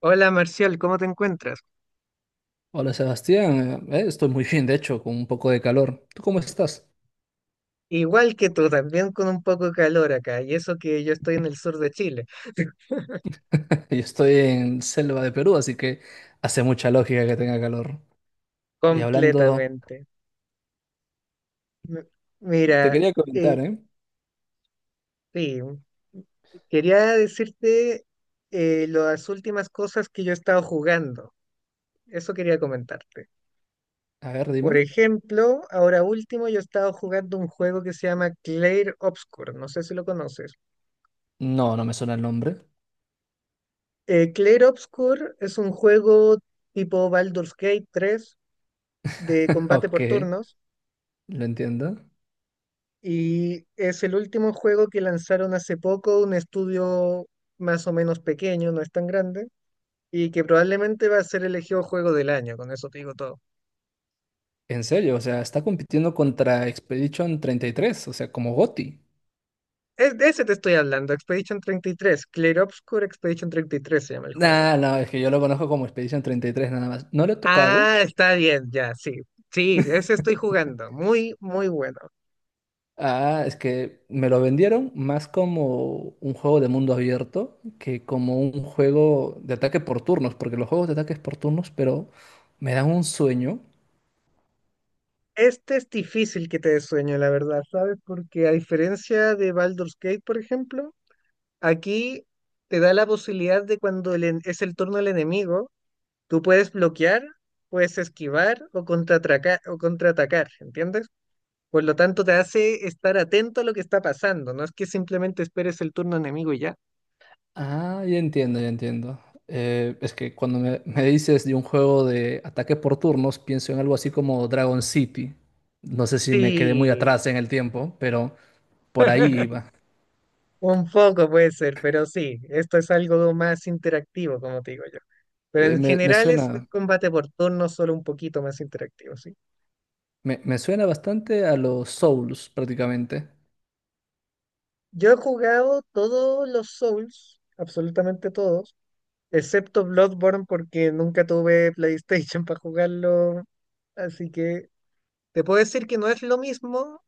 Hola Marcial, ¿cómo te encuentras? Hola Sebastián, estoy muy bien, de hecho, con un poco de calor. ¿Tú cómo estás? Igual que tú, también con un poco de calor acá, y eso que yo estoy en el sur de Chile, Yo estoy en selva de Perú, así que hace mucha lógica que tenga calor. Y hablando, completamente. M- te Mira, quería comentar, eh, ¿eh? sí, quería decirte las últimas cosas que yo he estado jugando, eso quería comentarte. A ver, dime. Por ejemplo, ahora último yo he estado jugando un juego que se llama Clair Obscur, no sé si lo conoces. No, no me suena el nombre. Clair Obscur es un juego tipo Baldur's Gate 3 de combate por Ok, turnos lo entiendo. y es el último juego que lanzaron hace poco, un estudio más o menos pequeño, no es tan grande, y que probablemente va a ser elegido juego del año, con eso te digo todo. En serio, o sea, está compitiendo contra Expedition 33, o sea, como GOTY. Es, de ese te estoy hablando, Expedition 33, Clear Obscure Expedition treinta y tres se llama el juego. Nah, no, es que yo lo conozco como Expedition 33 nada más. No lo he tocado. Ah, está bien, ya, sí. Sí, ese estoy jugando, muy, muy bueno. Ah, es que me lo vendieron más como un juego de mundo abierto que como un juego de ataque por turnos, porque los juegos de ataques por turnos, pero me dan un sueño. Este es difícil que te dé sueño, la verdad, ¿sabes? Porque a diferencia de Baldur's Gate, por ejemplo, aquí te da la posibilidad de cuando es el turno del enemigo, tú puedes bloquear, puedes esquivar o contraatacar, ¿entiendes? Por lo tanto, te hace estar atento a lo que está pasando, no es que simplemente esperes el turno enemigo y ya. Ah, ya entiendo, ya entiendo. Es que cuando me dices de un juego de ataque por turnos, pienso en algo así como Dragon City. No sé si me quedé muy Sí, atrás en el tiempo, pero por ahí iba. un poco puede ser, pero sí, esto es algo más interactivo, como te digo yo. Pero Eh, en me, me general es suena, combate por turnos, solo un poquito más interactivo, sí. me suena bastante a los Souls prácticamente. Yo he jugado todos los Souls, absolutamente todos. Excepto Bloodborne porque nunca tuve PlayStation para jugarlo. Así que te puedo decir que no es lo mismo,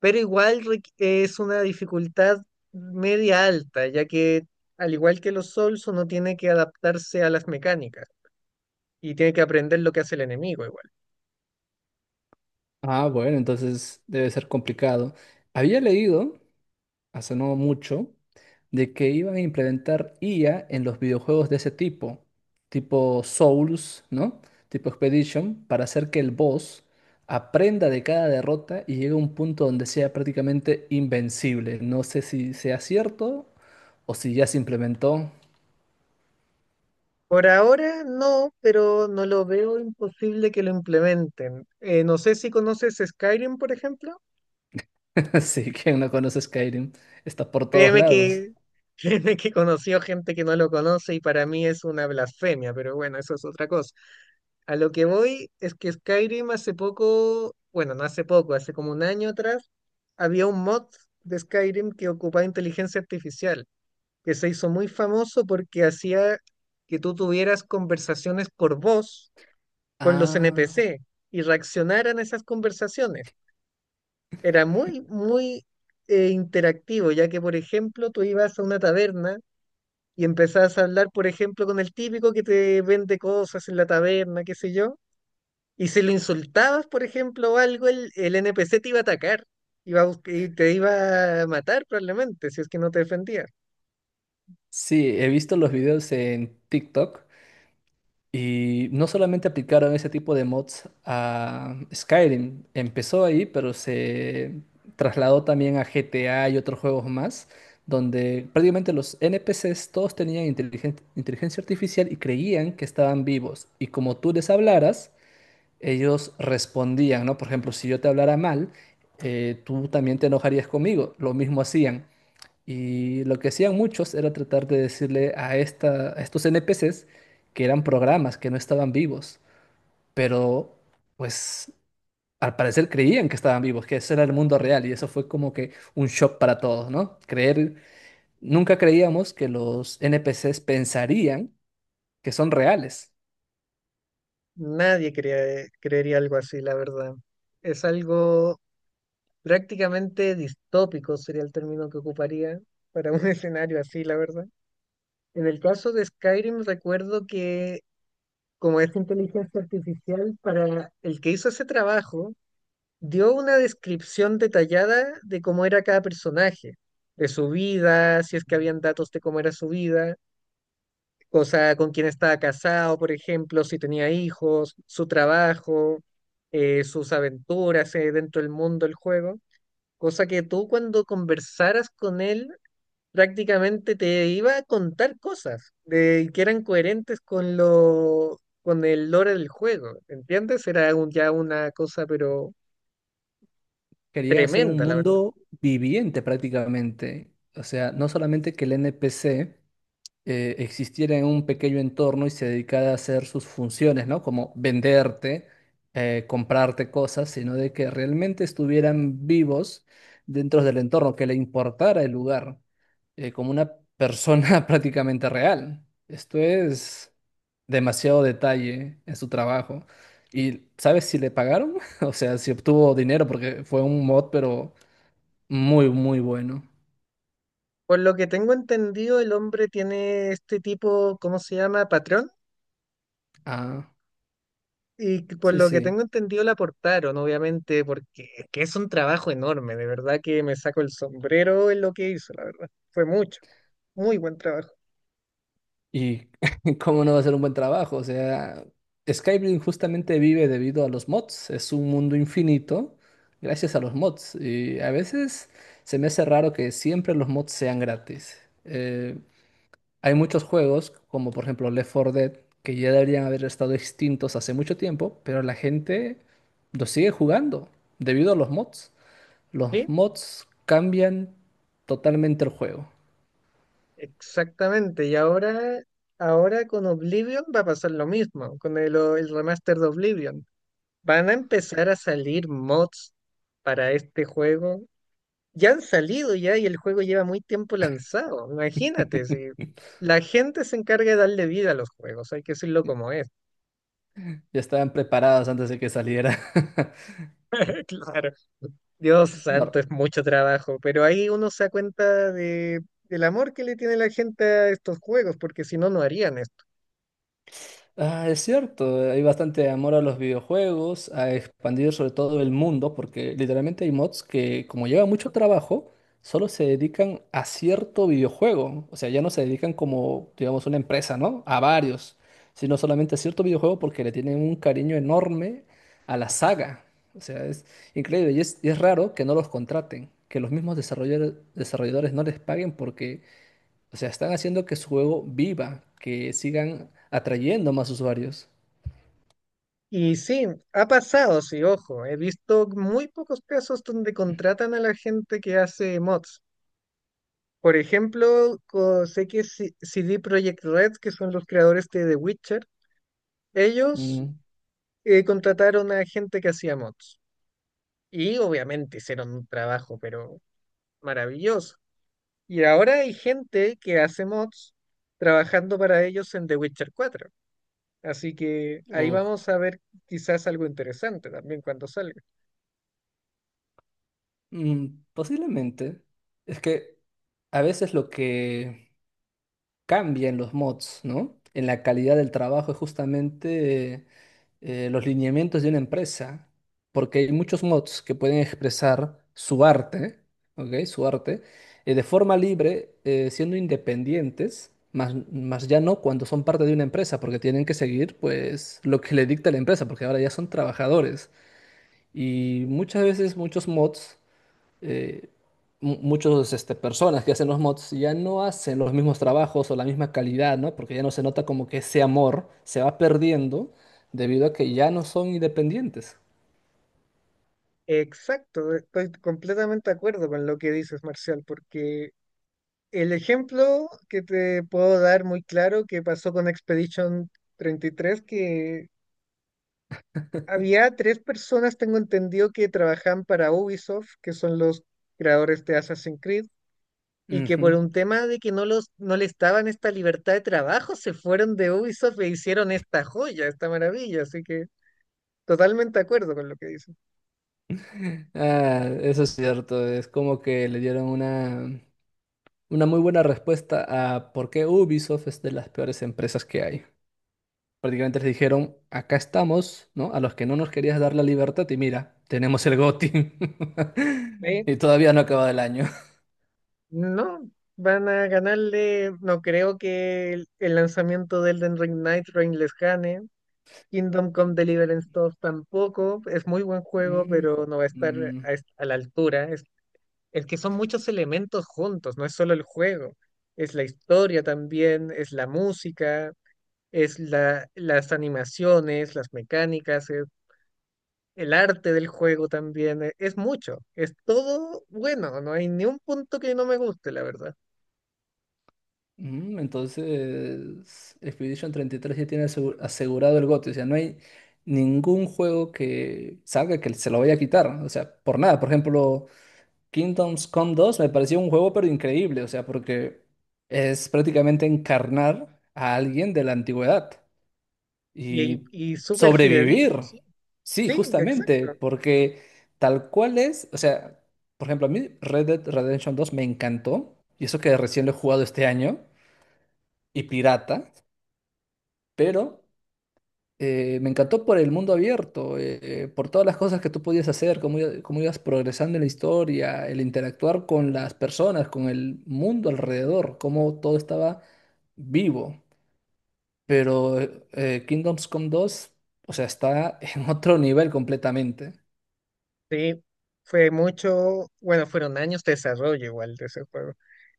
pero igual es una dificultad media alta, ya que al igual que los Souls, uno tiene que adaptarse a las mecánicas y tiene que aprender lo que hace el enemigo igual. Ah, bueno, entonces debe ser complicado. Había leído, hace no mucho, de que iban a implementar IA en los videojuegos de ese tipo, tipo Souls, ¿no? Tipo Expedition, para hacer que el boss aprenda de cada derrota y llegue a un punto donde sea prácticamente invencible. No sé si sea cierto o si ya se implementó. Por ahora no, pero no lo veo imposible que lo implementen. No sé si conoces Skyrim, por ejemplo. Así que no conoce Skyrim, está por todos Créeme lados. que, créeme que conoció gente que no lo conoce y para mí es una blasfemia, pero bueno, eso es otra cosa. A lo que voy es que Skyrim hace poco, bueno, no hace poco, hace como un año atrás, había un mod de Skyrim que ocupaba inteligencia artificial, que se hizo muy famoso porque hacía que tú tuvieras conversaciones por voz con los Ah, NPC y reaccionaran a esas conversaciones. Era muy, muy interactivo, ya que, por ejemplo, tú ibas a una taberna y empezás a hablar, por ejemplo, con el típico que te vende cosas en la taberna, qué sé yo, y si lo insultabas, por ejemplo, o algo, el NPC te iba a atacar, y te iba a matar probablemente, si es que no te defendía. sí, he visto los videos en TikTok. Y no solamente aplicaron ese tipo de mods a Skyrim, empezó ahí, pero se trasladó también a GTA y otros juegos más, donde prácticamente los NPCs todos tenían inteligencia artificial y creían que estaban vivos. Y como tú les hablaras, ellos respondían, ¿no? Por ejemplo, si yo te hablara mal, tú también te enojarías conmigo. Lo mismo hacían. Y lo que hacían muchos era tratar de decirle a estos NPCs que eran programas, que no estaban vivos, pero pues al parecer creían que estaban vivos, que ese era el mundo real y eso fue como que un shock para todos, ¿no? Creer, nunca creíamos que los NPCs pensarían que son reales, Nadie creería algo así, la verdad. Es algo prácticamente distópico, sería el término que ocuparía para un escenario así, la verdad. En el caso de Skyrim, recuerdo que como es inteligencia artificial, para el que hizo ese trabajo, dio una descripción detallada de cómo era cada personaje, de su vida, si es que habían datos de cómo era su vida, o sea, con quién estaba casado, por ejemplo, si tenía hijos, su trabajo, sus aventuras dentro del mundo del juego, cosa que tú cuando conversaras con él prácticamente te iba a contar cosas de, que eran coherentes con lo... con el lore del juego, ¿entiendes? Era ya una cosa, pero querían hacer un tremenda, la verdad. mundo viviente prácticamente. O sea, no solamente que el NPC existiera en un pequeño entorno y se dedicara a hacer sus funciones, ¿no? Como venderte, comprarte cosas, sino de que realmente estuvieran vivos dentro del entorno, que le importara el lugar, como una persona prácticamente real. Esto es demasiado detalle en su trabajo. ¿Y sabes si le pagaron? O sea, si obtuvo dinero, porque fue un mod, pero muy, muy bueno. Por lo que tengo entendido, el hombre tiene este tipo, ¿cómo se llama? Patrón. Ah, Y que por sí, lo que sí. tengo entendido, la aportaron, obviamente, porque es que es un trabajo enorme. De verdad que me saco el sombrero en lo que hizo, la verdad. Fue mucho, muy buen trabajo. Y cómo no va a ser un buen trabajo. O sea, Skyrim justamente vive debido a los mods. Es un mundo infinito gracias a los mods. Y a veces se me hace raro que siempre los mods sean gratis. Eh, hay muchos juegos, como por ejemplo Left 4 Dead, que ya deberían haber estado extintos hace mucho tiempo, pero la gente los sigue jugando debido a los mods. Los Sí, mods cambian totalmente el juego. exactamente. Y ahora, ahora con Oblivion va a pasar lo mismo, con el remaster de Oblivion. Van a empezar a salir mods para este juego. Ya han salido ya y el juego lleva muy tiempo lanzado. Imagínate, si la gente se encarga de darle vida a los juegos, hay que decirlo como es. Ya estaban preparados antes de que saliera. Claro, Dios santo, No. es mucho trabajo, pero ahí uno se da cuenta de, del amor que le tiene la gente a estos juegos, porque si no, no harían esto. Ah, es cierto, hay bastante amor a los videojuegos, a expandir sobre todo el mundo, porque literalmente hay mods que, como lleva mucho trabajo, solo se dedican a cierto videojuego. O sea, ya no se dedican como, digamos, una empresa, ¿no? A varios, sino solamente a cierto videojuego porque le tienen un cariño enorme a la saga. O sea, es increíble y es raro que no los contraten, que los mismos desarrolladores no les paguen, porque o sea, están haciendo que su juego viva, que sigan atrayendo más usuarios. Y sí, ha pasado, sí, ojo, he visto muy pocos casos donde contratan a la gente que hace mods. Por ejemplo, sé que CD Projekt Red, que son los creadores de The Witcher, ellos Mm, contrataron a gente que hacía mods. Y obviamente hicieron un trabajo, pero maravilloso. Y ahora hay gente que hace mods trabajando para ellos en The Witcher 4. Así que ahí uf. vamos a ver quizás algo interesante también cuando salga. Mm, posiblemente. Es que a veces lo que cambia en los mods, ¿no? En la calidad del trabajo es justamente los lineamientos de una empresa, porque hay muchos mods que pueden expresar su arte, ¿ok? Su arte de forma libre, siendo independientes, más ya no cuando son parte de una empresa, porque tienen que seguir pues lo que le dicta la empresa, porque ahora ya son trabajadores. Y muchas veces muchos mods eh, personas que hacen los mods ya no hacen los mismos trabajos o la misma calidad, ¿no? Porque ya no se nota, como que ese amor se va perdiendo debido a que ya no son independientes. Exacto, estoy completamente de acuerdo con lo que dices, Marcial, porque el ejemplo que te puedo dar muy claro que pasó con Expedition 33 que había tres personas, tengo entendido, que trabajan para Ubisoft, que son los creadores de Assassin's Creed, y que por Ujú. un tema de que no, no les daban esta libertad de trabajo, se fueron de Ubisoft e hicieron esta joya, esta maravilla. Así que totalmente de acuerdo con lo que dicen. Ah, eso es cierto, es como que le dieron una muy buena respuesta a por qué Ubisoft es de las peores empresas que hay. Prácticamente les dijeron, acá estamos, ¿no? A los que no nos querías dar la libertad, y mira, tenemos el GOTY. Eh, Y todavía no acaba el año. No, van a ganarle, no creo que el lanzamiento de Elden Ring Night Rain les gane. Kingdom Come Deliverance 2 tampoco, es muy buen juego, Mm, pero no va a estar mm, a la altura. El que son muchos elementos juntos, no es solo el juego, es la historia también, es la música, es las animaciones, las mecánicas, es el arte del juego también, es mucho, es todo bueno, no hay ni un punto que no me guste, la verdad. mm, entonces, Expedition 33 ya tiene asegurado el GOTY. O sea, no hay ningún juego que salga que se lo vaya a quitar. O sea, por nada. Por ejemplo, Kingdoms Come 2 me pareció un juego pero increíble. O sea, porque es prácticamente encarnar a alguien de la antigüedad. Y Y súper sobrevivir. fidedigno, sí. Sí, Sí, justamente, exacto. porque tal cual es, o sea, por ejemplo, a mí Red Dead Redemption 2 me encantó, y eso que recién lo he jugado este año, y pirata, pero me encantó por el mundo abierto, por todas las cosas que tú podías hacer, cómo ibas progresando en la historia, el interactuar con las personas, con el mundo alrededor, cómo todo estaba vivo. Pero Kingdoms Come 2, o sea, está en otro nivel completamente. Sí, fue mucho, bueno, fueron años de desarrollo igual de ese juego.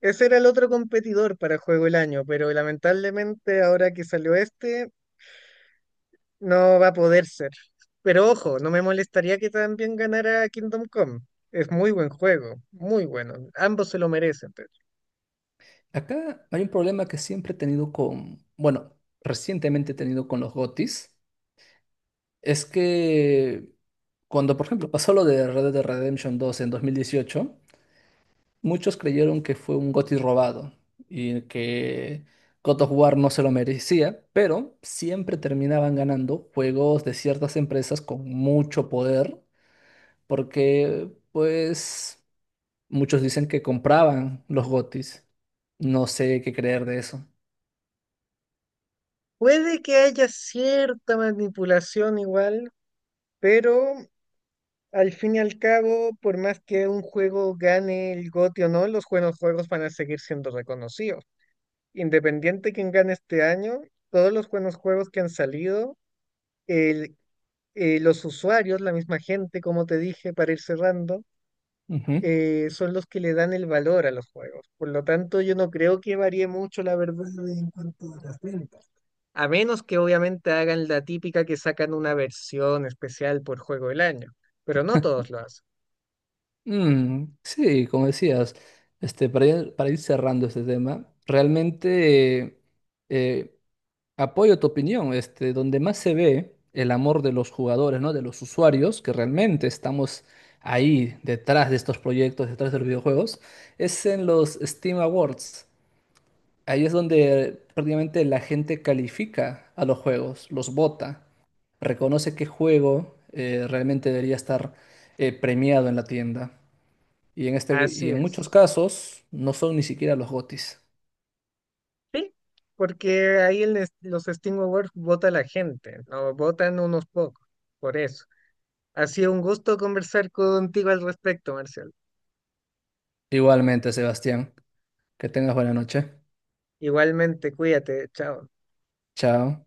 Ese era el otro competidor para Juego del Año, pero lamentablemente ahora que salió este, no va a poder ser. Pero ojo, no me molestaría que también ganara Kingdom Come. Es muy buen juego, muy bueno. Ambos se lo merecen. Pero Acá hay un problema que siempre he tenido con, bueno, recientemente he tenido con los GOTYs, es que cuando, por ejemplo, pasó lo de Red Dead Redemption 2 en 2018, muchos creyeron que fue un GOTY robado y que God of War no se lo merecía, pero siempre terminaban ganando juegos de ciertas empresas con mucho poder, porque, pues... Muchos dicen que compraban los gotis. No sé qué creer de eso. puede que haya cierta manipulación igual, pero al fin y al cabo, por más que un juego gane el GOTY o no, los buenos juegos van a seguir siendo reconocidos. Independiente quien gane este año, todos los buenos juegos que han salido, el- los usuarios, la misma gente, como te dije, para ir cerrando Ujú. Son los que le dan el valor a los juegos. Por lo tanto, yo no creo que varíe mucho la verdad en cuanto a las ventas. A menos que obviamente hagan la típica que sacan una versión especial por juego del año, pero no todos lo hacen. Mm, sí, como decías, para ir cerrando este tema, realmente eh, apoyo tu opinión. Donde más se ve el amor de los jugadores, ¿no? De los usuarios, que realmente estamos ahí detrás de estos proyectos, detrás de los videojuegos, es en los Steam Awards. Ahí es donde prácticamente la gente califica a los juegos, los vota. Reconoce qué juego realmente debería estar premiado en la tienda. Y Así en muchos es. casos no son ni siquiera los GOTYs. Sí, porque ahí los Steam Awards vota la gente, no votan unos pocos, por eso. Ha sido un gusto conversar contigo al respecto, Marcial. Igualmente, Sebastián, que tengas buena noche. Igualmente, cuídate, chao. Chao.